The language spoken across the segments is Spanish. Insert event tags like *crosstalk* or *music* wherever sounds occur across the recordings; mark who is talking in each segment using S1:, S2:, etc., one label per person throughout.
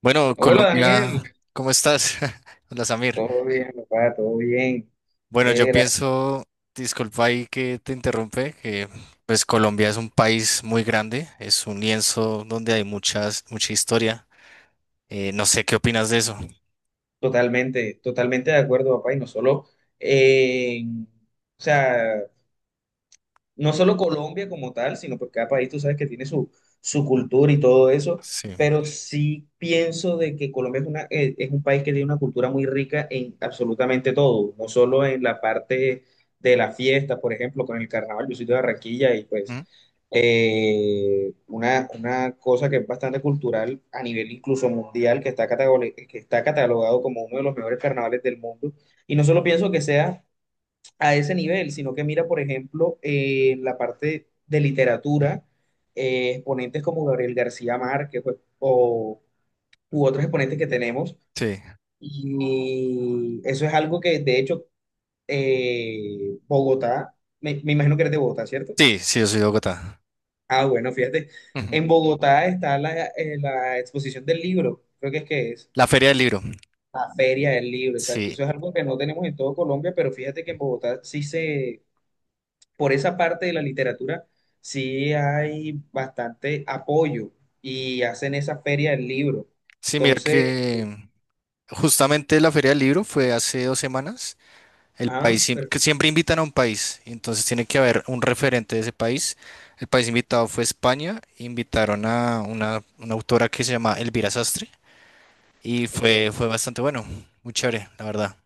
S1: Bueno,
S2: Hola Daniel,
S1: Colombia, ¿cómo estás? *laughs* Hola Samir.
S2: todo bien, papá, todo bien.
S1: Bueno, yo
S2: Lera,
S1: pienso, disculpa ahí que te interrumpe, que pues Colombia es un país muy grande, es un lienzo donde hay mucha historia. No sé qué opinas de eso.
S2: totalmente, totalmente de acuerdo, papá, y no solo en, o sea, no solo Colombia como tal, sino porque cada país tú sabes que tiene su, su cultura y todo eso,
S1: Sí.
S2: pero sí pienso de que Colombia es una, es un país que tiene una cultura muy rica en absolutamente todo, no solo en la parte de la fiesta, por ejemplo, con el carnaval, yo soy de Barranquilla y pues
S1: ¿Mm?
S2: una cosa que es bastante cultural a nivel incluso mundial, que está, que está catalogado como uno de los mejores carnavales del mundo. Y no solo pienso que sea a ese nivel, sino que mira, por ejemplo, la parte de literatura, exponentes como Gabriel García Márquez pues, u otros exponentes que tenemos.
S1: Sí.
S2: Y eso es algo que, de hecho, Bogotá, me imagino que eres de Bogotá, ¿cierto?
S1: Sí, sí, yo soy de Bogotá.
S2: Ah, bueno, fíjate,
S1: Ujú.
S2: en Bogotá está la, la exposición del libro, creo que es
S1: La Feria del Libro.
S2: la feria del libro, exacto.
S1: Sí.
S2: Eso es algo que no tenemos en todo Colombia, pero fíjate que en Bogotá sí se por esa parte de la literatura sí hay bastante apoyo y hacen esa feria del libro.
S1: Sí, mira
S2: Entonces, eh,
S1: que justamente la Feria del Libro fue hace 2 semanas. El
S2: ah,
S1: país,
S2: per-
S1: que siempre invitan a un país, y entonces tiene que haber un referente de ese país. El país invitado fue España, invitaron a una autora que se llama Elvira Sastre y
S2: ok.
S1: fue bastante bueno, muy chévere, la verdad.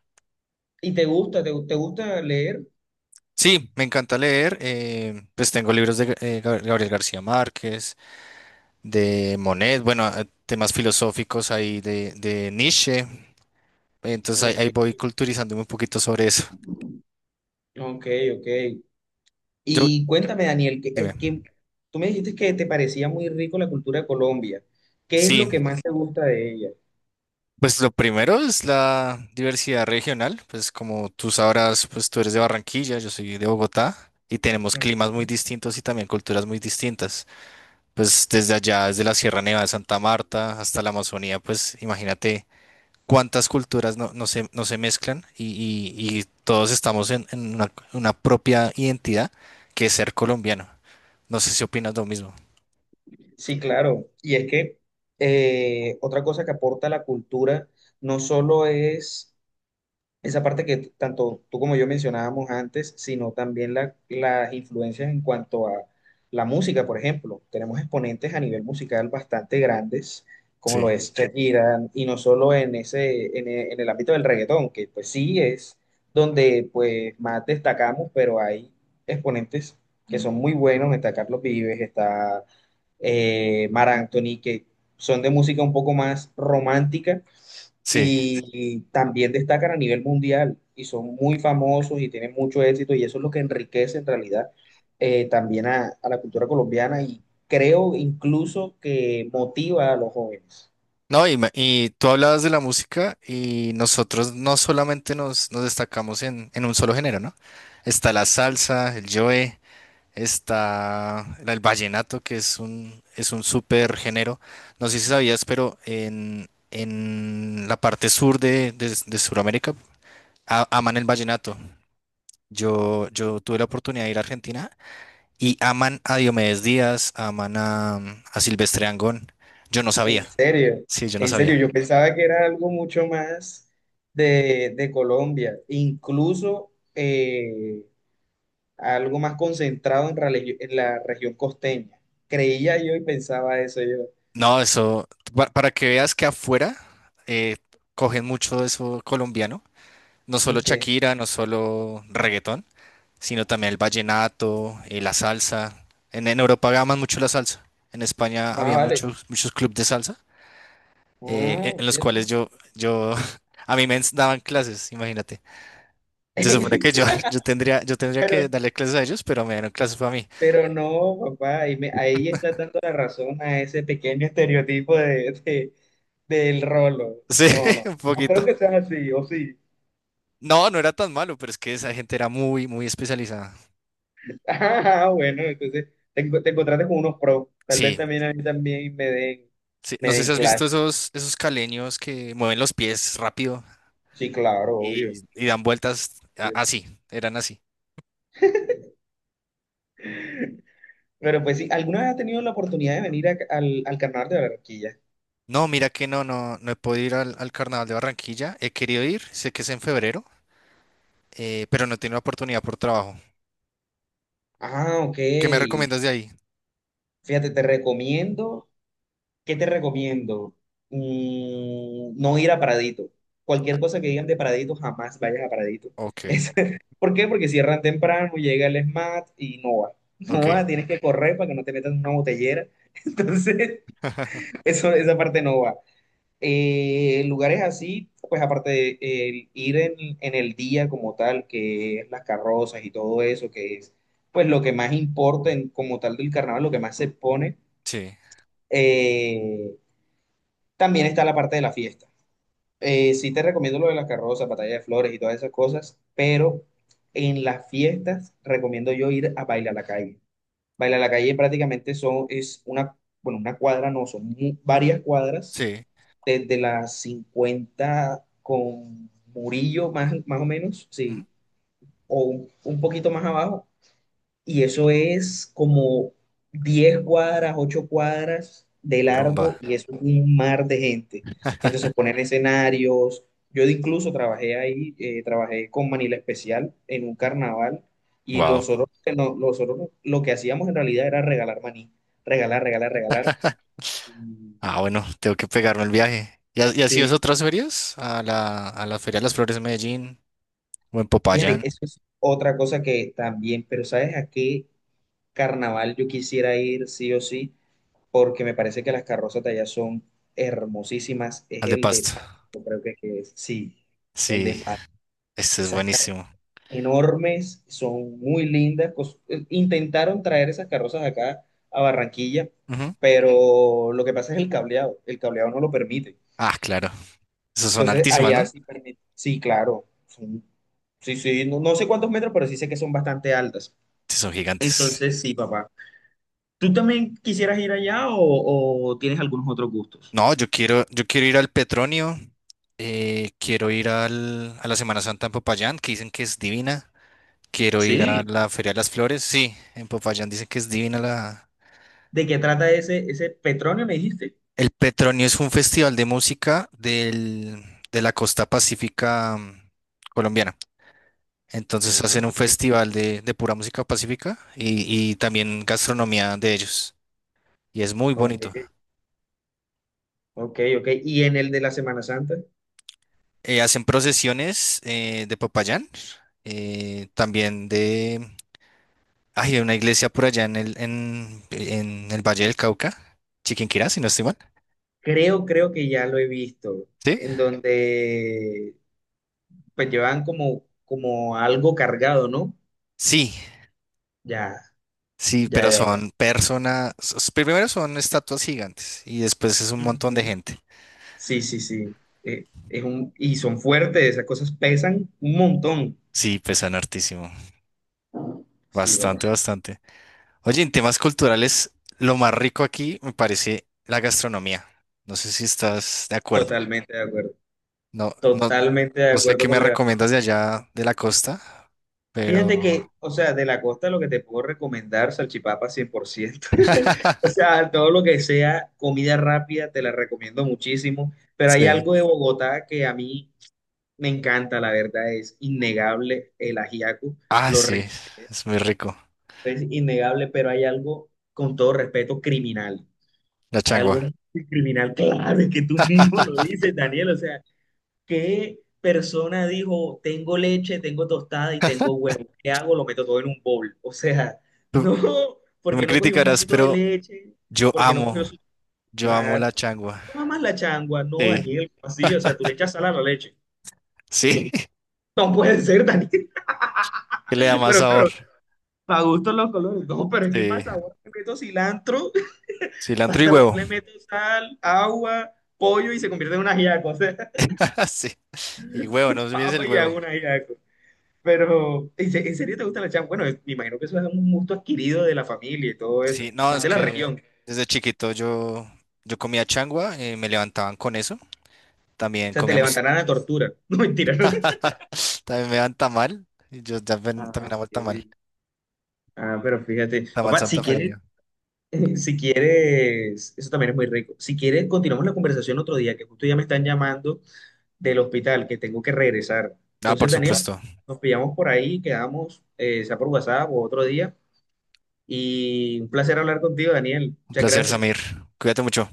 S2: ¿Y te gusta, te gusta leer?
S1: Sí, me encanta leer, pues tengo libros de Gabriel García Márquez, de Monet, bueno, temas filosóficos ahí de Nietzsche, entonces
S2: Ok,
S1: ahí voy culturizándome un poquito sobre eso.
S2: ok, ok.
S1: Yo,
S2: Y cuéntame, Daniel, que, eh,
S1: dime,
S2: que tú me dijiste que te parecía muy rico la cultura de Colombia. ¿Qué es lo que
S1: sí.
S2: más te gusta de ella?
S1: Pues lo primero es la diversidad regional, pues como tú sabrás, pues tú eres de Barranquilla, yo soy de Bogotá y tenemos climas muy distintos y también culturas muy distintas. Pues desde allá, desde la Sierra Nevada de Santa Marta hasta la Amazonía, pues imagínate cuántas culturas no, no se mezclan y, y todos estamos en una propia identidad que es ser colombiano. No sé si opinas lo mismo.
S2: Sí, claro. Y es que otra cosa que aporta la cultura no solo es esa parte que tanto tú como yo mencionábamos antes, sino también las influencias en cuanto a la música, por ejemplo. Tenemos exponentes a nivel musical bastante grandes, como lo
S1: Sí,
S2: es Sí, Shakira, y no solo en ese, en el ámbito del reggaetón, que pues sí es donde pues más destacamos, pero hay exponentes que son muy buenos, está Carlos Vives, está Mar Anthony, que son de música un poco más romántica
S1: sí.
S2: y también destacan a nivel mundial y son muy famosos y tienen mucho éxito y eso es lo que enriquece en realidad también a la cultura colombiana y creo incluso que motiva a los jóvenes.
S1: No, y, y tú hablabas de la música y nosotros no solamente nos destacamos en un solo género, ¿no? Está la salsa, el joe, está el vallenato, que es es un súper género. No sé si sabías, pero en, en la parte sur de, de Sudamérica aman el vallenato. Yo tuve la oportunidad de ir a Argentina y aman a Diomedes Díaz, aman a Silvestre Angón. Yo no
S2: En
S1: sabía,
S2: serio,
S1: sí, yo no
S2: en serio,
S1: sabía.
S2: yo pensaba que era algo mucho más de Colombia, incluso algo más concentrado en, en la región costeña. Creía yo y pensaba eso yo.
S1: No, eso, para que veas que afuera eh, cogen mucho eso colombiano, no solo
S2: Que
S1: Shakira, no solo reggaetón, sino también el vallenato, la salsa. En Europa aman mucho la salsa. En España
S2: más
S1: había
S2: vale.
S1: muchos clubes de salsa,
S2: Ah,
S1: en los cuales
S2: fíjate.
S1: yo, yo, *laughs* a mí daban clases, imagínate. Se supone que yo,
S2: *laughs*
S1: *laughs* yo tendría
S2: Pero,
S1: que darle clases a ellos, pero me dieron clases para mí. *laughs*
S2: pero no, papá, ahí, ahí está dando la razón a ese pequeño estereotipo de, del rolo.
S1: Sí,
S2: No, no,
S1: un
S2: no
S1: poquito.
S2: creo que sea así, o sí.
S1: No, no era tan malo, pero es que esa gente era muy especializada.
S2: *laughs* Ah, bueno, entonces te, te encontraste con unos pros. Tal vez
S1: Sí,
S2: también a mí también
S1: sí, no
S2: me
S1: sé si
S2: den
S1: has visto
S2: clases.
S1: esos caleños que mueven los pies rápido
S2: Sí, claro, obvio.
S1: y dan vueltas así, eran así.
S2: Pero pues sí, ¿alguna vez has tenido la oportunidad de venir al, al carnaval de Barranquilla?
S1: No, mira que no, no, no he podido ir al Carnaval de Barranquilla. He querido ir, sé que es en febrero, pero no he tenido oportunidad por trabajo.
S2: Ah, ok.
S1: ¿Qué me recomiendas de ahí?
S2: Fíjate, te recomiendo. ¿Qué te recomiendo? Mm, no ir a Pradito. Cualquier cosa que digan de Pradito, jamás vayas a Pradito.
S1: Ok,
S2: *laughs* Es- ¿por qué? Porque cierran temprano, llega el SMAT y no va. *laughs* No va,
S1: ok.
S2: tienes que correr para que no te metan en una botellera. *laughs* Entonces,
S1: *laughs*
S2: eso, esa parte no va. Lugares así, pues aparte de el ir en el día como tal, que es las carrozas y todo eso, que es pues lo que más importa como tal del carnaval, lo que más se pone.
S1: Sí,
S2: eh, también está la parte de la fiesta. Sí te recomiendo lo de las carrozas, batalla de flores y todas esas cosas, pero en las fiestas recomiendo yo ir a bailar la calle. Bailar la calle prácticamente son, es una, bueno, una cuadra no, son varias cuadras,
S1: sí.
S2: desde las 50 con Murillo más, más o menos,
S1: Ujú.
S2: sí, o un poquito más abajo y eso es como 10 cuadras, 8 cuadras de
S1: Rumba.
S2: largo y es un mar de gente. Entonces ponen escenarios. Yo incluso trabajé ahí, trabajé con Manila Especial en un carnaval y
S1: Wow.
S2: nosotros, que nosotros lo que hacíamos en realidad era regalar maní, regalar, regalar, regalar. Mm,
S1: Ah, bueno, tengo que pegarme el viaje. ¿Y, y has ido a
S2: sí.
S1: otras ferias? A la Feria de las Flores de Medellín o en
S2: Fíjate,
S1: Popayán,
S2: eso es otra cosa que también, pero ¿sabes a qué carnaval yo quisiera ir sí o sí? Porque me parece que las carrozas de allá son hermosísimas. Es
S1: al de
S2: el de
S1: Pasto.
S2: Paz, yo creo que es, sí, el
S1: Sí.
S2: de Paz.
S1: Este es
S2: Esas carrozas
S1: buenísimo.
S2: enormes, son muy lindas. Intentaron traer esas carrozas acá a Barranquilla,
S1: Ujú.
S2: pero lo que pasa es el cableado. El cableado no lo permite.
S1: Ah, claro. Esas son
S2: Entonces,
S1: altísimas,
S2: allá
S1: ¿no?
S2: sí permite. Sí, claro. Son- sí, sí, no, no sé cuántos metros, pero sí sé que son bastante altas.
S1: Sí, son gigantes.
S2: Entonces, sí, papá. ¿Tú también quisieras ir allá o tienes algunos otros gustos?
S1: No, yo quiero ir al Petronio. Quiero ir a la Semana Santa en Popayán, que dicen que es divina. Quiero ir a
S2: Sí.
S1: la Feria de las Flores. Sí, en Popayán dicen que es divina la...
S2: ¿De qué trata ese, ese petróleo, me dijiste?
S1: El Petronio es un festival de música de la costa pacífica mm, colombiana. Entonces
S2: Ah,
S1: hacen un
S2: súper interesante.
S1: festival de pura música pacífica y también gastronomía de ellos. Y es muy
S2: Ok,
S1: bonito.
S2: ok, ok. Y en el de la Semana Santa,
S1: Hacen procesiones de Popayán, también de... Hay una iglesia por allá en el, en el Valle del Cauca, Chiquinquirá, si no estoy mal.
S2: creo, creo que ya lo he visto,
S1: ¿Sí?
S2: en donde pues llevan como, como algo cargado, ¿no?
S1: Sí,
S2: Ya,
S1: sí,
S2: ya,
S1: pero
S2: ya.
S1: son Primero son estatuas gigantes y después es un montón de
S2: Ujú.
S1: gente.
S2: Sí, sí, sí. Es un, y son fuertes, esas cosas pesan un montón.
S1: Sí, pesan hartísimo.
S2: Sí,
S1: Bastante,
S2: papá.
S1: bastante. Oye, en temas culturales, lo más rico aquí me parece la gastronomía. No sé si estás de acuerdo.
S2: Totalmente de acuerdo.
S1: No, no,
S2: Totalmente de
S1: no sé
S2: acuerdo
S1: qué
S2: con
S1: me
S2: la.
S1: recomiendas de allá de la costa,
S2: Fíjate
S1: pero
S2: que, o sea, de la costa lo que te puedo recomendar, salchipapa 100%. *laughs* O
S1: *laughs*
S2: sea, todo lo que sea comida rápida, te la recomiendo muchísimo. Pero hay
S1: sí.
S2: algo de Bogotá que a mí me encanta, la verdad, es innegable el ajiaco,
S1: Ah,
S2: lo
S1: sí,
S2: rico
S1: es muy rico.
S2: es innegable, pero hay algo, con todo respeto, criminal.
S1: La
S2: Hay algo
S1: changua.
S2: muy criminal, claro, es que tú mismo lo
S1: *laughs*
S2: dices, Daniel, o sea, ¿qué persona dijo, tengo leche, tengo tostada y tengo huevo? ¿Qué hago? Lo meto todo en un bowl. O sea, *laughs*
S1: Tú,
S2: no,
S1: tú me
S2: porque no cogió un
S1: criticarás,
S2: vasito de
S1: pero
S2: leche,
S1: yo
S2: porque no cogió
S1: amo,
S2: su...
S1: yo amo
S2: Claro,
S1: la changua.
S2: toma más la changua, no,
S1: Sí,
S2: Daniel, así, o sea, tú le echas sal a la leche.
S1: sí, *laughs*
S2: No puede ser, Daniel,
S1: que le da
S2: *laughs*
S1: más
S2: pero
S1: sabor.
S2: claro, para gusto los colores. No, pero es que
S1: Sí,
S2: pasa, ahora le meto cilantro, *laughs*
S1: cilantro y
S2: pasa, ahora
S1: huevo.
S2: le meto sal, agua, pollo y se convierte en un ajiaco, o sea,
S1: *laughs* Sí, y huevo, no
S2: *laughs*
S1: olvides el
S2: papa y hago
S1: huevo.
S2: un ajiaco. Pero, ¿en en serio te gusta la changua? Bueno, es- me imagino que eso es un gusto adquirido de la familia y todo eso,
S1: Sí, no,
S2: más
S1: es
S2: de la. Ah,
S1: que
S2: región.
S1: desde chiquito yo, yo comía changua, me levantaban con eso.
S2: O
S1: También
S2: sea, te
S1: comíamos,
S2: levantarán a tortura. *laughs* No, mentira, ¿no?
S1: también me daban tamal. Y yo también,
S2: Ah,
S1: también amo el
S2: ok.
S1: tamal.
S2: Ah, pero fíjate,
S1: Tamal
S2: papá,
S1: Santa
S2: si quieres,
S1: Feria.
S2: *laughs* si quieres, eso también es muy rico. Si quieres, continuamos la conversación otro día, que justo ya me están llamando del hospital, que tengo que regresar.
S1: Ah,
S2: Entonces,
S1: por
S2: Daniel,
S1: supuesto.
S2: nos pillamos por ahí, quedamos, sea por WhatsApp o otro día. Y un placer hablar contigo, Daniel.
S1: Un
S2: Muchas
S1: placer,
S2: gracias.
S1: Samir. Cuídate mucho.